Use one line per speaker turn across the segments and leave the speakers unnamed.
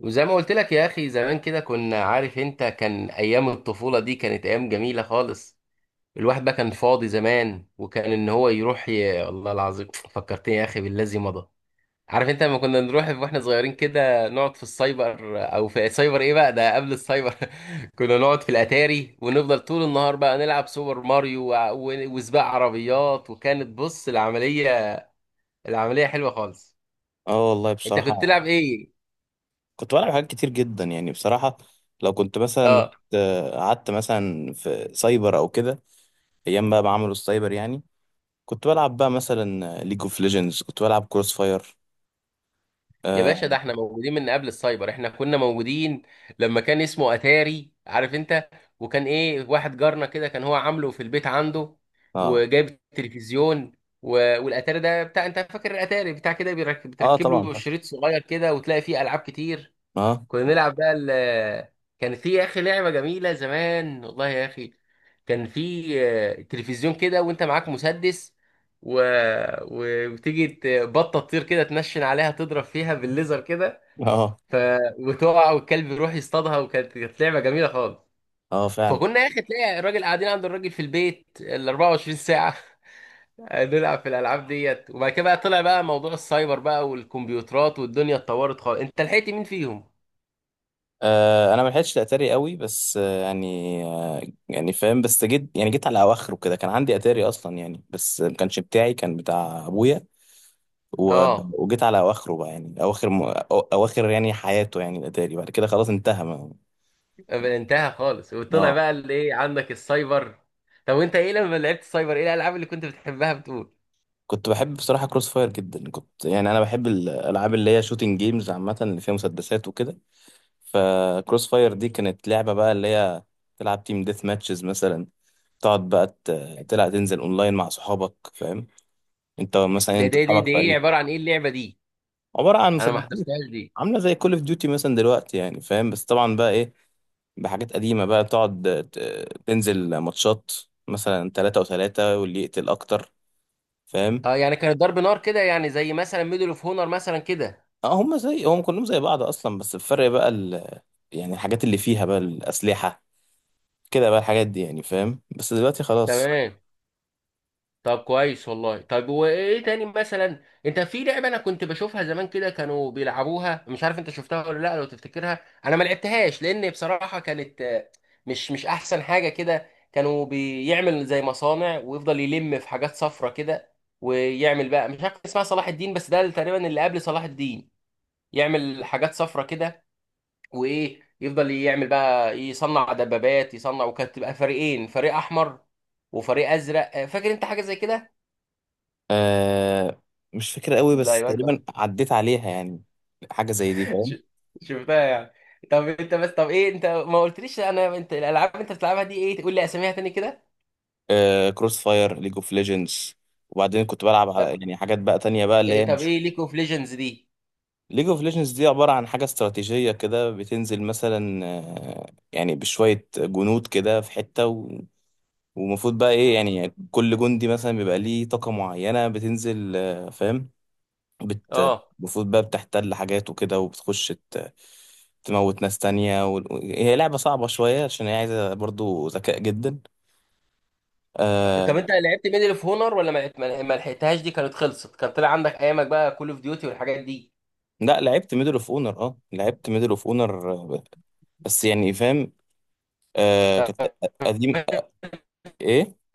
وزي ما قلت لك يا اخي، زمان كده كنا عارف انت، كان ايام الطفولة دي كانت ايام جميلة خالص. الواحد بقى كان فاضي زمان، وكان ان هو يروح الله العظيم فكرتني يا اخي بالذي مضى. عارف انت لما كنا نروح واحنا صغيرين كده نقعد في السايبر، او في سايبر ايه بقى، ده قبل السايبر. كنا نقعد في الاتاري ونفضل طول النهار بقى نلعب سوبر ماريو وسباق عربيات، وكانت بص العملية، العملية حلوة خالص.
اه والله
انت كنت تلعب
بصراحة.
ايه؟
كنت بلعب حاجات كتير جدا يعني بصراحة. لو كنت مثلا
اه.
قعدت مثلا في سايبر او كده، ايام بقى ما عملوا السايبر يعني. كنت بلعب بقى مثلا ليج اوف ليجندز، كنت بلعب كروس فاير.
يا باشا، ده
اه.
احنا موجودين من قبل السايبر، احنا كنا موجودين لما كان اسمه اتاري عارف انت. وكان ايه، واحد جارنا كده كان هو عامله في البيت عنده
اه.
وجايب تلفزيون والاتاري ده بتاع، انت فاكر الاتاري بتاع كده
آه
بتركب
طبعا
له
فاكر.
شريط صغير كده وتلاقي فيه العاب كتير.
اه.
كنا نلعب بقى ال، كان في يا اخي لعبه جميله زمان والله يا اخي. كان في تلفزيون كده وانت معاك مسدس و... وتيجي بطه تطير كده تنشن عليها تضرب فيها بالليزر كده.
اه.
ف... وتقع والكلب يروح يصطادها، وكانت لعبه جميله خالص.
اه فعلا.
فكنا يا اخي تلاقي الراجل، قاعدين عند الراجل في البيت ال 24 ساعه. نلعب في الالعاب ديت، وبعد كده بقى طلع بقى موضوع السايبر بقى والكمبيوترات والدنيا اتطورت خالص. انت لحقت مين فيهم؟
آه انا ما لحقتش اتاري قوي، بس آه. يعني فاهم، بس جيت يعني على اواخره كده، كان عندي اتاري اصلا يعني، بس ما كانش بتاعي، كان بتاع ابويا. و...
اه.
وجيت على اواخره بقى، يعني اواخر يعني حياته، يعني الاتاري بعد كده خلاص انتهى ما...
انتهى خالص وطلع
اه.
بقى اللي ايه عندك السايبر. طب وانت ايه لما لعبت السايبر، ايه الالعاب اللي كنت بتحبها بتقول؟
كنت بحب بصراحه كروس فاير جدا، كنت يعني انا بحب الالعاب اللي هي شوتنج جيمز عامه، اللي فيها مسدسات وكده. فكروس فاير دي كانت لعبه بقى اللي هي تلعب تيم ديث ماتشز مثلا. تقعد بقى تلعب، تنزل اونلاين مع صحابك، فاهم. انت مثلا،
ده
انت
ده دي دي
صحابك
ايه
فريق.
عباره عن ايه اللعبه دي؟
عباره عن
انا ما
مسدسات.
حضرتهاش دي.
عامله زي كول اوف ديوتي مثلا دلوقتي يعني، فاهم، بس طبعا بقى ايه، بحاجات قديمة بقى، تقعد تنزل ماتشات، مثلا تلاتة وتلاتة واللي يقتل أكتر، فاهم.
اه يعني كانت ضرب نار كده يعني زي مثلا ميدل اوف هونر مثلا كده.
اه، هما زي هم كلهم زي بعض أصلا، بس الفرق بقى يعني الحاجات اللي فيها بقى الأسلحة كده بقى، الحاجات دي يعني، فاهم، بس دلوقتي خلاص.
تمام. طب كويس والله. طب وايه تاني، مثلا انت في لعبه انا كنت بشوفها زمان كده كانوا بيلعبوها، مش عارف انت شفتها ولا لا لو تفتكرها. انا ما لعبتهاش لان بصراحه كانت مش احسن حاجه كده. كانوا بيعمل زي مصانع ويفضل يلم في حاجات صفرة كده ويعمل بقى مش عارف اسمها صلاح الدين، بس ده تقريبا اللي قبل صلاح الدين. يعمل حاجات صفرة كده وايه، يفضل يعمل بقى يصنع دبابات يصنع، وكانت تبقى فريقين، فريق احمر وفريق ازرق. فاكر انت حاجه زي كده؟
آه مش فاكر قوي،
لا
بس
يبقى
تقريبا عديت عليها يعني. حاجة زي دي،
انت
فاهم.
شفتها يعني. طب انت بس، طب ايه، انت ما قلتليش انا، انت الالعاب اللي انت بتلعبها دي ايه، تقول لي اساميها تاني كده.
آه كروس فاير، ليج اوف ليجندز، وبعدين كنت بلعب على
طب
يعني حاجات بقى تانية بقى اللي هي
ايه طب
مش...
ايه ليج اوف ليجندز دي؟
ليج اوف ليجندز دي عبارة عن حاجة استراتيجية كده، بتنزل مثلا يعني بشوية جنود كده في حتة. ومفروض بقى ايه، يعني كل جندي مثلا بيبقى ليه طاقة معينة بتنزل، فاهم. بت...
اه.
المفروض بقى بتحتل حاجات وكده، وبتخش تموت ناس تانية، هي لعبة صعبة شوية، عشان هي عايزة برضو ذكاء جدا.
اه، طب
آه...
انت لعبت ميدل اوف هونر ولا ما لعبت- ما ما لحقتهاش، دي كانت خلصت كان طلع عندك ايامك بقى كول اوف ديوتي والحاجات دي؟
لا لعبت ميدل اوف اونر، اه لعبت ميدل اوف اونر، بس يعني فاهم. كانت
طب
قديم. ايه.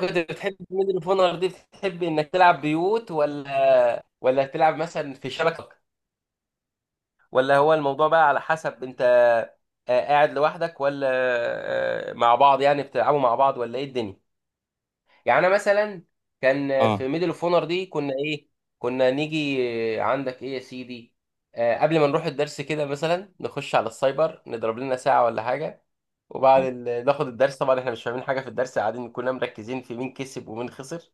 كنت بتحب ميدل اوف هونر دي، بتحب انك تلعب بيوت ولا تلعب مثلا في شبكه، ولا هو الموضوع بقى على حسب انت قاعد لوحدك ولا مع بعض، يعني بتلعبوا مع بعض ولا ايه الدنيا؟ يعني انا مثلا كان
اه
في ميدل اوف اونر دي، كنا ايه، كنا نيجي عندك ايه يا سيدي، قبل ما نروح الدرس كده مثلا نخش على السايبر نضرب لنا ساعة ولا حاجة. وبعد
آه.
ناخد الدرس، طبعا احنا مش فاهمين حاجة في الدرس، قاعدين كلنا مركزين في مين كسب ومين خسر.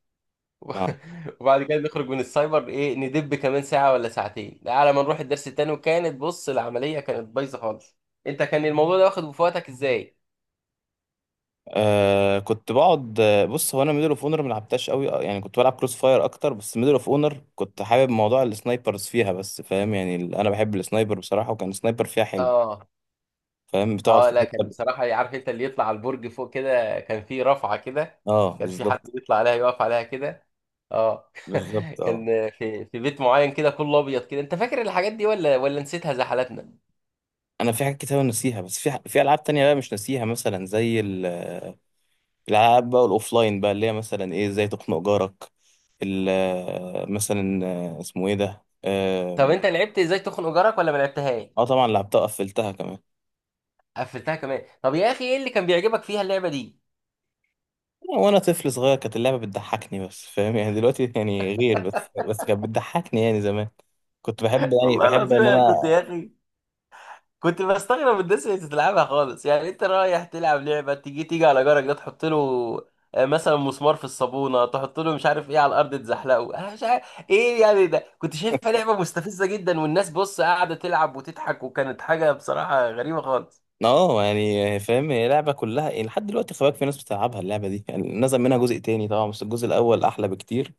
آه.
وبعد كده نخرج من السايبر ايه ندب كمان ساعة ولا ساعتين على ما نروح الدرس التاني، وكانت بص العملية كانت بايظة خالص. انت كان الموضوع ده واخد في وقتك ازاي؟
آه كنت بقعد، بص، هو انا ميدل اوف اونر ما لعبتهاش قوي، يعني كنت بلعب كروس فاير اكتر، بس ميدل اوف اونر كنت حابب موضوع السنايبرز فيها، بس فاهم يعني انا بحب السنايبر بصراحه، وكان السنايبر فيها حلو،
اه.
فاهم. بتقعد في
اه لا، كان
حته.
بصراحة عارف انت اللي يطلع على البرج فوق كده، كان في رفعة كده،
اه
كان في حد
بالظبط.
بيطلع عليها يقف عليها كده. اه.
بالظبط اه.
كان في في بيت معين كده كله ابيض كده، انت فاكر الحاجات دي ولا نسيتها زي حالاتنا؟
انا في حاجات كتير أوي ناسيها، بس في في العاب تانية بقى مش ناسيها، مثلا زي الالعاب بقى الاوفلاين بقى، اللي هي مثلا ايه، ازاي تخنق جارك. مثلا اسمه ايه ده،
طب
اه.
انت لعبت ازاي تخنق جارك ولا ما لعبتهاش؟
آه، طبعا لعبتها، قفلتها كمان.
قفلتها كمان طب يا اخي، ايه اللي كان بيعجبك فيها اللعبه دي؟
وانا طفل صغير كانت اللعبه بتضحكني، بس فاهم يعني دلوقتي يعني غير، بس كانت بتضحكني يعني زمان. كنت بحب، يعني
والله
بحب
العظيم
ان
انا كنت
انا.
يا اخي كنت بستغرب الناس اللي بتلعبها خالص، يعني انت رايح تلعب لعبه، تيجي تيجي على جارك ده تحط له مثلا مسمار في الصابونه، تحط له مش عارف ايه على الارض تزحلقه، انا مش عارف ايه، يعني ده كنت شايفها لعبه مستفزه جدا، والناس بص قاعده تلعب وتضحك، وكانت حاجه بصراحه غريبه خالص.
اه يعني فاهم، هي لعبه كلها يعني لحد دلوقتي، خباك في ناس بتلعبها اللعبه دي يعني، نزل منها جزء تاني طبعا، بس الجزء الاول احلى بكتير.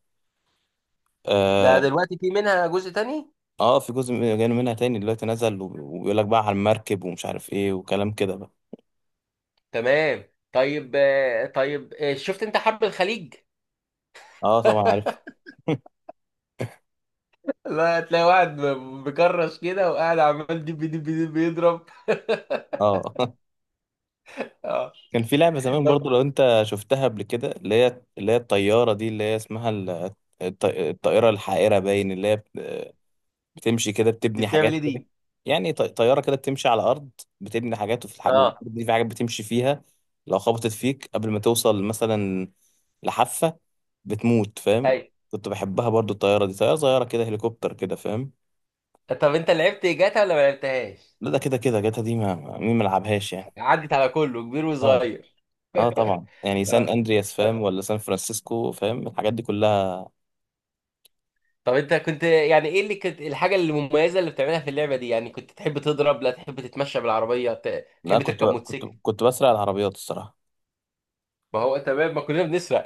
ده
اه.
دلوقتي في منها جزء تاني؟
آه، في جزء جاي منها تاني دلوقتي، نزل وبيقول لك بقى على المركب ومش عارف ايه وكلام كده بقى.
تمام. طيب طيب شفت انت حرب الخليج؟
اه طبعا عارف.
لا هتلاقي واحد مكرش كده وقاعد عمال دب دب دب يضرب.
اه.
اه.
كان في لعبة زمان
طب
برضو، لو انت شفتها قبل كده، اللي هي الطيارة دي، اللي هي اسمها الطائرة الحائرة باين، اللي هي بتمشي كده
دي
بتبني
بتعمل
حاجات
ايه
كده.
دي؟
يعني طيارة كده بتمشي على الأرض، بتبني حاجات، وفي الحاجة
اه.
دي في حاجات بتمشي فيها، لو خبطت فيك قبل ما توصل مثلا لحافة بتموت،
اي.
فاهم. كنت بحبها برضو، الطيارة دي طيارة صغيرة كده، هليكوبتر كده، فاهم.
طب انت لعبت جاتا ولا ما لعبتهاش؟
لا ده كده كده، جاتا دي مين ملعبهاش يعني.
عدت على كله كبير
اه.
وصغير.
اه طبعا، يعني سان
اه.
اندرياس فاهم، ولا سان فرانسيسكو فاهم، الحاجات دي كلها.
طب انت كنت يعني ايه اللي كنت، الحاجة المميزة اللي بتعملها في اللعبة دي؟ يعني كنت تحب تضرب، لا تحب تتمشى بالعربية،
لا
تحب
كنت
تركب
كنت
موتوسيكل؟
كنت بسرق العربيات الصراحه.
ما هو تمام، ما كلنا بنسرق.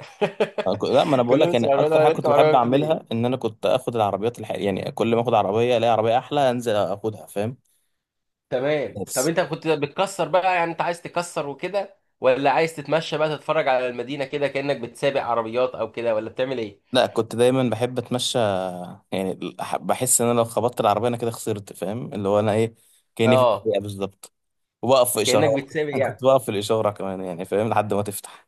لا، ما انا بقول
كلنا
لك يعني،
بنسرق عربية،
اكتر
ولا
حاجه
نركب
كنت بحب
عربية منين؟
اعملها ان انا كنت اخد العربيات يعني كل ما اخد عربيه الاقي عربيه احلى انزل اخدها، فاهم.
تمام. طب
بس
انت كنت بتكسر بقى، يعني انت عايز تكسر وكده ولا عايز تتمشى بقى تتفرج على المدينة كده كأنك بتسابق عربيات او كده، ولا بتعمل ايه؟
لا، كنت دايما بحب اتمشى. يعني بحس ان انا لو خبطت العربيه انا كده خسرت، فاهم، اللي هو انا ايه، كاني في
اه.
الدقيقه بالظبط. وبقف في
كأنك
اشارات.
بتسابق
كنت
يعني؟
بقف في الاشاره كمان يعني، فاهم، لحد ما تفتح.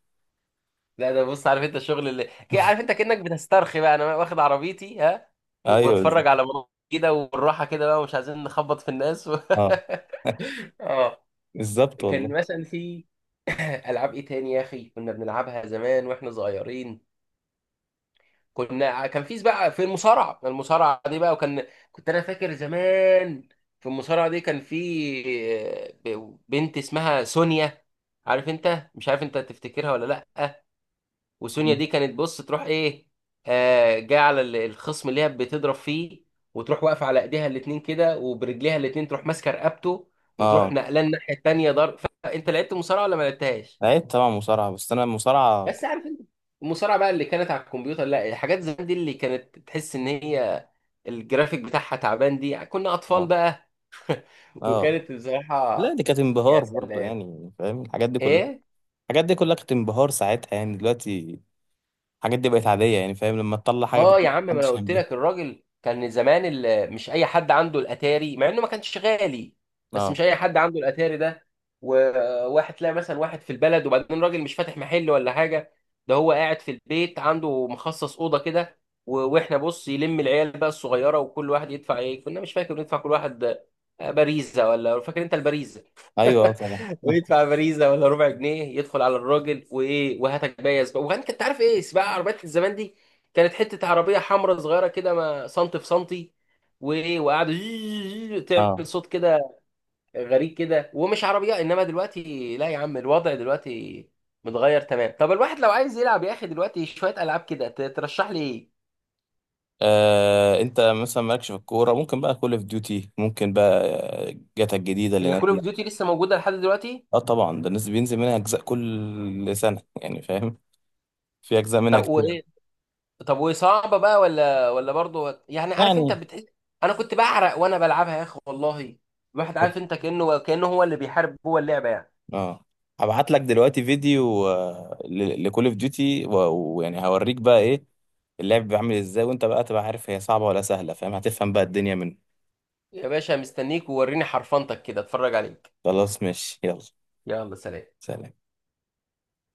لا ده بص عارف انت الشغل اللي عارف انت كأنك بتسترخي بقى انا واخد عربيتي ها،
ايوه بالظبط.
وبتفرج على مناظر كده والراحة كده بقى، ومش عايزين نخبط في الناس
اه.
اه.
بالظبط.
كان مثلا في العاب ايه تاني يا اخي كنا بنلعبها زمان واحنا صغيرين؟ كنا كان في بقى في المصارعة، المصارعة دي بقى، وكان كنت انا فاكر زمان في المصارعة دي كان في بنت اسمها سونيا عارف انت، مش عارف انت تفتكرها ولا لا. وسونيا
والله.
دي كانت بص تروح ايه، آه جايه على الخصم اللي هي بتضرب فيه، وتروح واقفه على ايديها الاتنين كده وبرجليها الاتنين تروح ماسكه رقبته وتروح
اه
نقلان الناحيه التانيه ضرب. فانت لعبت مصارعه ولا ما لعبتهاش؟
لعبت طبعا مصارعة، بس انا المصارعة
بس
كنت.
عارف انت المصارعه بقى اللي كانت على الكمبيوتر لا، الحاجات زمان دي اللي كانت تحس ان هي الجرافيك بتاعها تعبان دي كنا اطفال
اه.
بقى،
اه.
وكانت بصراحه
لا دي كانت
يا
انبهار برضو
سلام
يعني، فاهم، الحاجات دي كلها.
ايه.
الحاجات دي كلها كانت انبهار ساعتها، يعني دلوقتي الحاجات دي بقت عادية يعني، فاهم، لما تطلع حاجة
اه يا
جديدة
عم، ما انا
محدش
قلت
هينبهر.
لك الراجل كان زمان مش اي حد عنده الاتاري، مع انه ما كانش غالي، بس
اه.
مش اي حد عنده الاتاري ده. وواحد تلاقي مثلا واحد في البلد، وبعدين راجل مش فاتح محل ولا حاجه، ده هو قاعد في البيت عنده مخصص اوضه كده واحنا بص يلم العيال بقى الصغيره، وكل واحد يدفع ايه، كنا مش فاكر ندفع كل واحد باريزه، ولا فاكر انت الباريزه؟
ايوه. اه طبعا.
ويدفع فريزه ولا ربع جنيه يدخل على الراجل وايه وهاتك بقى يا سباق. وبعدين كنت عارف ايه سباق عربيات الزمان دي كانت حته عربيه حمراء صغيره كده ما سنتي في سنتي، وايه وقعدوا
اه.
تعمل صوت كده غريب كده ومش عربيه، انما دلوقتي لا يا عم، الوضع دلوقتي متغير. تمام. طب الواحد لو عايز يلعب يا اخي دلوقتي شويه العاب كده ترشح لي ايه؟
آه، انت مثلا مالكش في الكورة، ممكن بقى كول اوف ديوتي، ممكن بقى جاتا الجديدة اللي
هي كول اوف
نازلة.
ديوتي لسه موجوده لحد دلوقتي؟
اه طبعا، ده الناس بينزل منها اجزاء كل سنة يعني، فاهم. في اجزاء منها
طب
كتير أوي.
وايه، طب وصعبه بقى ولا ولا برضه يعني عارف انت
يعني
بتحس، انا كنت بعرق وانا بلعبها يا اخي والله. الواحد عارف انت كانه هو اللي بيحارب جوه اللعبه يعني.
اه، هبعت لك دلوقتي فيديو لكول اوف ديوتي، ويعني هوريك بقى ايه، اللعب بيعمل ازاي، وانت بقى تبقى عارف هي صعبة ولا سهلة، فاهم، هتفهم بقى الدنيا منه.
يا باشا مستنيك ووريني حرفنتك كده اتفرج عليك.
خلاص ماشي، يلا.
يلا سلام.
سلام.